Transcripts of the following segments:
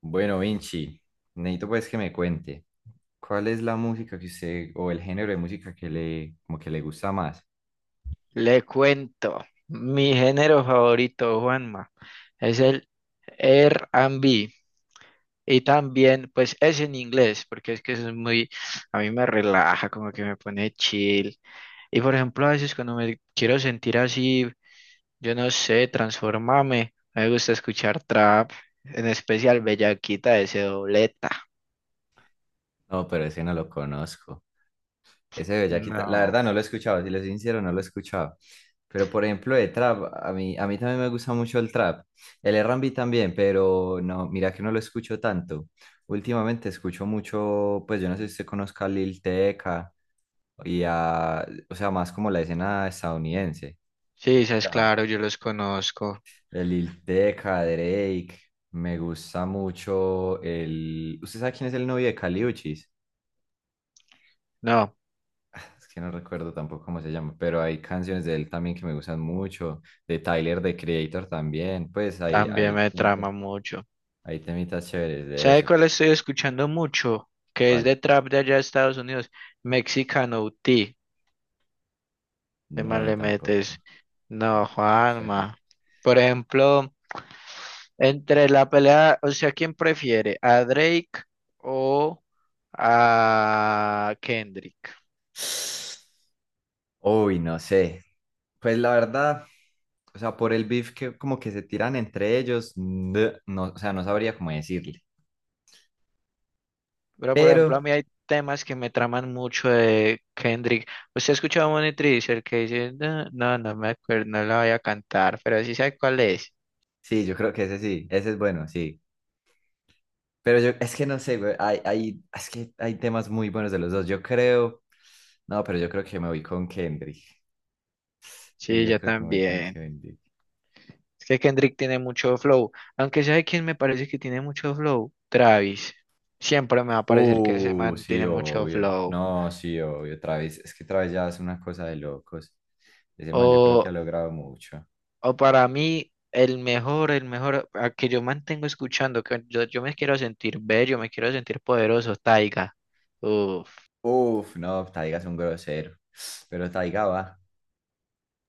Bueno, Vinci, necesito pues que me cuente, ¿cuál es la música que usted, o el género de música que le, como que le gusta más? Le cuento, mi género favorito, Juanma, es el R&B y también, pues es en inglés, porque es que eso es muy, a mí me relaja, como que me pone chill. Y por ejemplo, a veces cuando me quiero sentir así, yo no sé, transformame, me gusta escuchar trap, en especial Bellaquita de ese dobleta. No, pero ese no lo conozco. Ese de Bellaquita, la No, verdad no lo he escuchado, si le soy sincero, no lo he escuchado. Pero por ejemplo, de trap, a mí también me gusta mucho el trap. El R&B también, pero no, mira que no lo escucho tanto. Últimamente escucho mucho, pues yo no sé si usted conozca a Lil Tecca y a, o sea, más como la escena estadounidense. sí, es claro, yo los conozco. El Lil Tecca, Drake. Me gusta mucho el. ¿Usted sabe quién es el novio de Kali Uchis? No, Ah, es que no recuerdo tampoco cómo se llama, pero hay canciones de él también que me gustan mucho. De Tyler, de Creator también. Pues también me trama mucho. hay temitas chéveres de ¿Sabe eso. cuál estoy escuchando mucho? Que es ¿Cuál? de trap de allá de Estados Unidos. Mexicano T. De mal No, le metes. tampoco. No, Tampoco me suena. Juanma. Por ejemplo, entre la pelea, o sea, ¿quién prefiere? ¿A Drake o a Kendrick? Uy, no sé. Pues la verdad, o sea, por el beef que como que se tiran entre ellos, no, no, o sea, no sabría cómo decirle. Pero, por ejemplo, a Pero. mí hay temas que me traman mucho de Kendrick. ¿Usted ha escuchado a Money Trees, el que dice, no, no, no me acuerdo, no la voy a cantar, pero sí sabe cuál es? Sí, yo creo que ese sí, ese es bueno, sí. Pero yo, es que no sé, güey, es que hay temas muy buenos de los dos. Yo creo, no, pero yo creo que me voy con Kendrick. Sí, Sí, yo yo creo que me voy con también. Kendrick. Es que Kendrick tiene mucho flow. Aunque sabe quién me parece que tiene mucho flow. Travis. Siempre me va a parecer que ese Uh, man sí, tiene mucho obvio. flow. No, sí, obvio. Travis, es que Travis ya es una cosa de locos. Ese man yo creo que O, ha logrado mucho. o para mí, el mejor, a que yo mantengo escuchando, que yo me quiero sentir bello, me quiero sentir poderoso, Taiga. Uf, Uf, no, Taiga es un grosero. Pero Taiga va,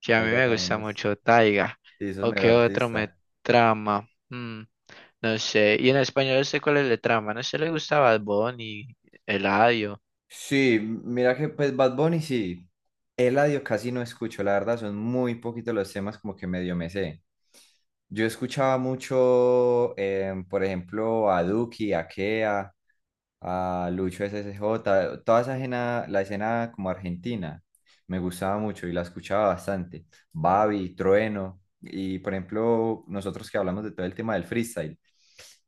sí, a mí Taiga me también gusta es, mucho Taiga. sí, eso es ¿O mero qué otro me artista. trama? Mm, no sé. Y en español, ¿sé cuál es el trama? No sé, le gusta Bad Bunny, Eladio. Sí, mira que pues Bad Bunny sí, Eladio casi no escucho, la verdad son muy poquitos los temas como que medio me sé. Yo escuchaba mucho, por ejemplo, a Duki, a Kea, a Lucho SSJ toda esa escena, la escena como argentina, me gustaba mucho y la escuchaba bastante. Babi, Trueno, y por ejemplo, nosotros que hablamos de todo el tema del freestyle,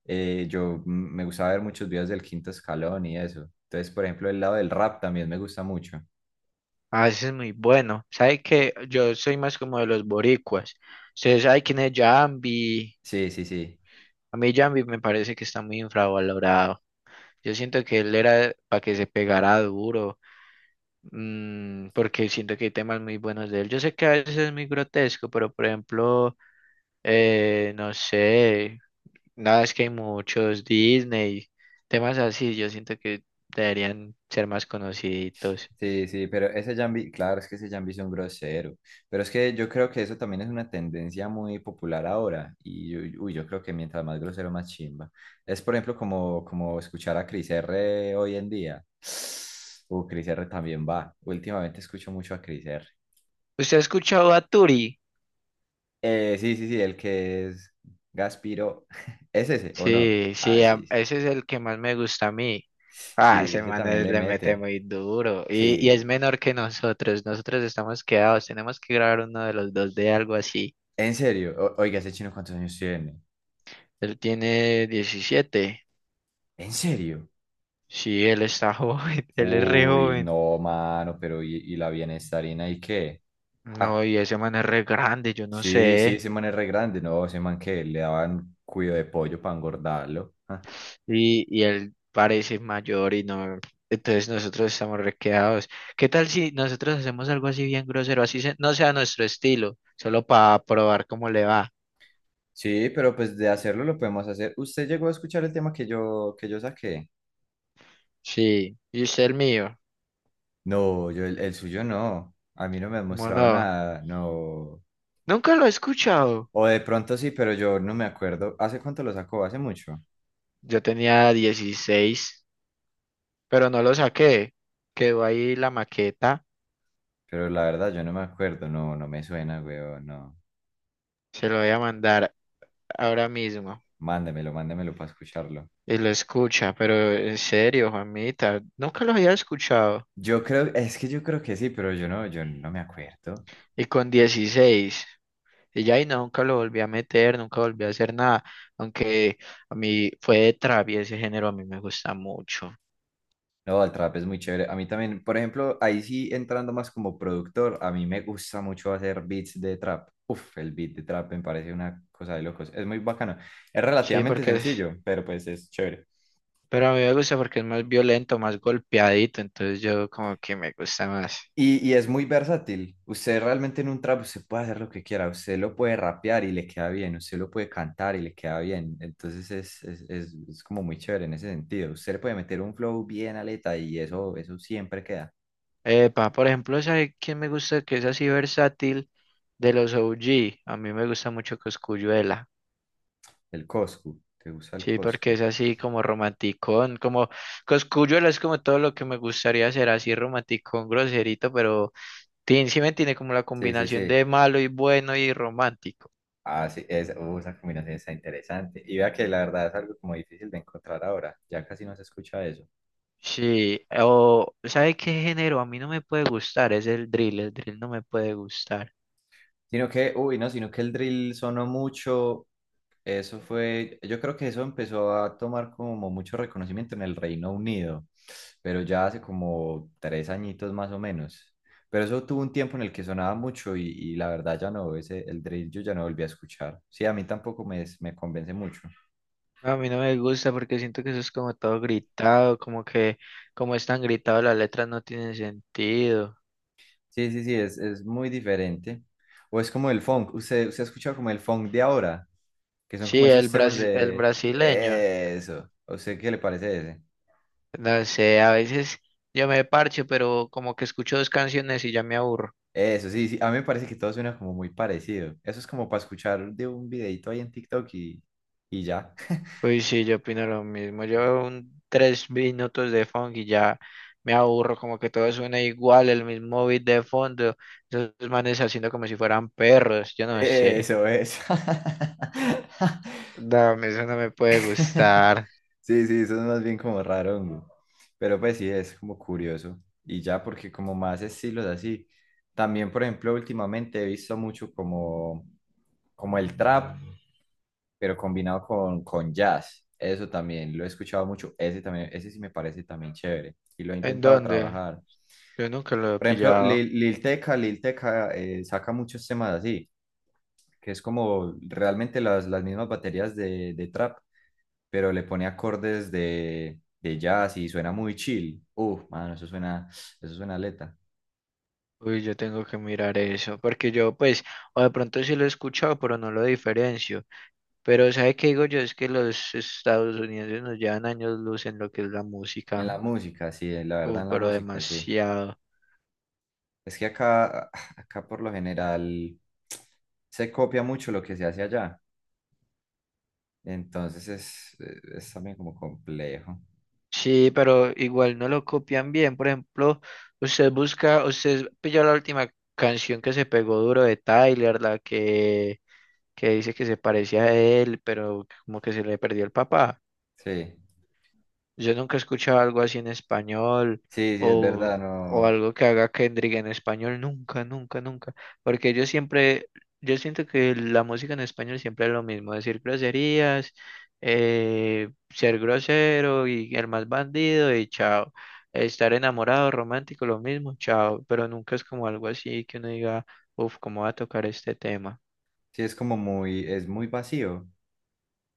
me gustaba ver muchos videos del Quinto Escalón y eso. Entonces, por ejemplo, el lado del rap también me gusta mucho. Ah, ese es muy bueno. ¿Sabe que yo soy más como de los boricuas? Ustedes saben quién es Jambi. Sí, sí, sí. A mí Jambi me parece que está muy infravalorado. Yo siento que él era para que se pegara duro, porque siento que hay temas muy buenos de él. Yo sé que a veces es muy grotesco, pero por ejemplo, no sé, nada, es que hay muchos Disney, temas así, yo siento que deberían ser más conocidos. Sí, sí, pero ese Jambi, claro, es que ese Jambi es un grosero, pero es que yo creo que eso también es una tendencia muy popular ahora y uy, uy, yo creo que mientras más grosero, más chimba. Es por ejemplo como escuchar a Cris R hoy en día. Cris R también va. Últimamente escucho mucho a Cris R. ¿Usted ha escuchado a Turi? Sí, sí, sí, el que es Gaspiro, ¿es ese o no? Sí, Ah, sí, sí, sí. ese es el que más me gusta a mí. Ah, Sí, ese ese man también le le mete mete. muy duro. Y es Sí. menor que nosotros. Nosotros estamos quedados. Tenemos que grabar uno de los dos de algo así. En serio, oiga, ¿ese chino cuántos años tiene? Él tiene 17. ¿En serio? Sí, él está joven. Él es re Uy, joven. no, mano, pero ¿y la bienestarina y qué? No, Ja, y ese man es re grande, yo no sí, sí, sé. ese man es re grande, no, ese man que le daban cuido de pollo para engordarlo, ja. Y él parece mayor y no. Entonces nosotros estamos re quedados. ¿Qué tal si nosotros hacemos algo así bien grosero? Así no sea nuestro estilo, solo para probar cómo le va. Sí, pero pues de hacerlo lo podemos hacer. ¿Usted llegó a escuchar el tema que yo saqué? Sí, y usted el mío, No, yo el suyo no. A mí no me han ¿cómo mostrado no? nada, no. Nunca lo he escuchado. O de pronto sí, pero yo no me acuerdo. ¿Hace cuánto lo sacó? Hace mucho. Yo tenía 16, pero no lo saqué. Quedó ahí la maqueta, Pero la verdad yo no me acuerdo, no, no me suena, weón, no. se lo voy a mandar ahora mismo. Mándemelo, mándemelo para escucharlo. Y lo escucha, pero en serio, Juanita, nunca lo había escuchado. Es que yo creo que sí, pero yo no me acuerdo. Y con 16 y ya ahí nunca lo volví a meter, nunca volví a hacer nada. Aunque a mí fue de trap y ese género a mí me gusta mucho. No, el trap es muy chévere. A mí también, por ejemplo, ahí sí entrando más como productor, a mí me gusta mucho hacer beats de trap. Uf, el beat de trap me parece una cosa de locos. Es muy bacano. Es Sí, relativamente porque es- sencillo, pero pues es chévere. Pero a mí me gusta porque es más violento, más golpeadito, entonces yo como que me gusta más. Y es muy versátil. Usted realmente en un trap usted puede hacer lo que quiera. Usted lo puede rapear y le queda bien. Usted lo puede cantar y le queda bien. Entonces es como muy chévere en ese sentido. Usted le puede meter un flow bien aleta y eso siempre queda. Epa, por ejemplo, ¿sabe quién me gusta que es así versátil? De los OG, a mí me gusta mucho Cosculluela. El Coscu. ¿Te gusta el Sí, porque Coscu? es así como romanticón, como Cosculluela es como todo lo que me gustaría ser, así romanticón, groserito, pero tiene, sí me tiene como la Sí, sí, combinación sí. de malo y bueno y romántico. Ah, sí. Esa combinación está interesante. Y vea que la verdad es algo como difícil de encontrar ahora. Ya casi no se escucha eso. Sí, o ¿sabe qué género a mí no me puede gustar? Es el drill no me puede gustar. No, sino que el drill sonó mucho. Eso fue, yo creo que eso empezó a tomar como mucho reconocimiento en el Reino Unido, pero ya hace como 3 añitos más o menos. Pero eso tuvo un tiempo en el que sonaba mucho y la verdad ya no, ese, el drill yo ya no volví a escuchar. Sí, a mí tampoco me convence mucho. No, a mí no me gusta porque siento que eso es como todo gritado, como que como es tan gritado las letras no tienen sentido. Sí, sí, sí, es muy diferente. O es como el funk, usted ha escuchado como el funk de ahora, que son como Sí, esos temas el de. brasileño, Eso, ¿a usted qué le parece ese? no sé, a veces yo me parcho, pero como que escucho dos canciones y ya me aburro. Eso, sí, sí, a mí me parece que todo suena como muy parecido. Eso es como para escuchar de un videito ahí en TikTok y ya. Uy, sí, yo opino lo mismo. Yo un 3 minutos de funk y ya me aburro, como que todo suena igual, el mismo beat de fondo, esos manes haciendo como si fueran perros, yo no sé. Eso es. No, a mí eso no me puede gustar. Sí, sí, eso es más bien como raro, hongo. Pero pues sí, es como curioso. Y ya, porque como más estilos así. También, por ejemplo, últimamente he visto mucho como, el trap, pero combinado con jazz. Eso también lo he escuchado mucho. Ese también, ese sí me parece también chévere. Y lo he ¿En intentado dónde? trabajar. Yo nunca lo he Por ejemplo, pillado. Lil Tecca, saca muchos temas así, que es como realmente las, mismas baterías de trap, pero le pone acordes de jazz y suena muy chill. Uf, mano, eso suena aleta. Uy, yo tengo que mirar eso, porque yo pues, o de pronto sí lo he escuchado, pero no lo diferencio. Pero ¿sabe qué digo yo? Es que los Estados Unidos nos llevan años luz en lo que es la En la música. música, sí, la Uf, verdad en la pero música, sí. demasiado. Es que acá, acá por lo general se copia mucho lo que se hace allá. Entonces es también como complejo. Sí, pero igual no lo copian bien. Por ejemplo, usted busca, usted pilló la última canción que se pegó duro de Tyler, la que dice que se parecía a él, pero como que se le perdió el papá. Sí, Yo nunca he escuchado algo así en español sí, sí, es verdad, o no. algo que haga Kendrick en español, nunca, nunca, nunca. Porque yo siempre, yo siento que la música en español siempre es lo mismo, decir groserías, ser grosero y el más bandido y chao. Estar enamorado, romántico, lo mismo, chao. Pero nunca es como algo así que uno diga, uff, ¿cómo va a tocar este tema? Sí, es muy vacío.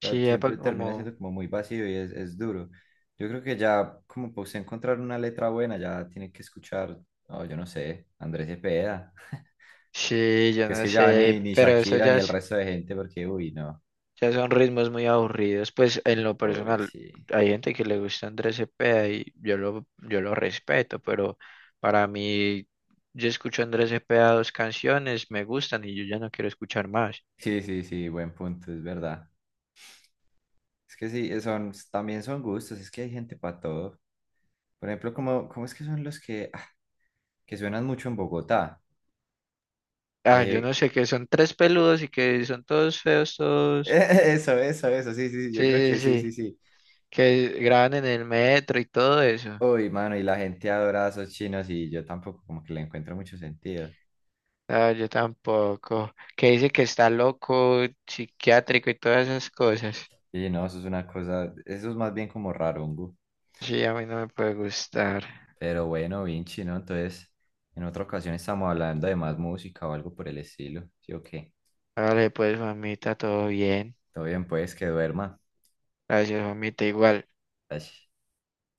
O sea, Sí, epa, siempre termina siendo como, como muy vacío y es duro. Yo creo que ya, como para usted encontrar una letra buena, ya tiene que escuchar, oh, yo no sé, Andrés Cepeda. sí, yo Porque es no que ya sé, ni pero eso Shakira ya ni el es, resto de gente, porque, uy, no. sea, son ritmos muy aburridos. Pues en lo Uy, personal, sí. hay gente que le gusta Andrés Cepeda y yo lo respeto, pero para mí, yo escucho a Andrés Cepeda dos canciones, me gustan y yo ya no quiero escuchar más. Sí, sí, sí, buen punto, es verdad. Es que sí, también son gustos, es que hay gente para todo. Por ejemplo, ¿Cómo es que son los que, ah, que suenan mucho en Bogotá? Ah, yo Que, no sé, que son tres peludos y que son todos feos, todos. eso, sí, sí, sí, yo creo Sí, sí, que sí, sí, sí. sí. Que graban en el metro y todo eso. Uy, mano, y la gente adora a esos chinos y yo tampoco como que le encuentro mucho sentido. Ah, yo tampoco. Que dice que está loco, psiquiátrico y todas esas cosas. Y no, eso es una cosa, eso es más bien como rarungo. Sí, a mí no me puede gustar. Pero bueno, Vinci, ¿no? Entonces, en otra ocasión estamos hablando de más música o algo por el estilo. Sí, ok. Vale, pues, mamita, todo bien. Todo bien, pues, que duerma. Gracias, mamita, igual. Ay.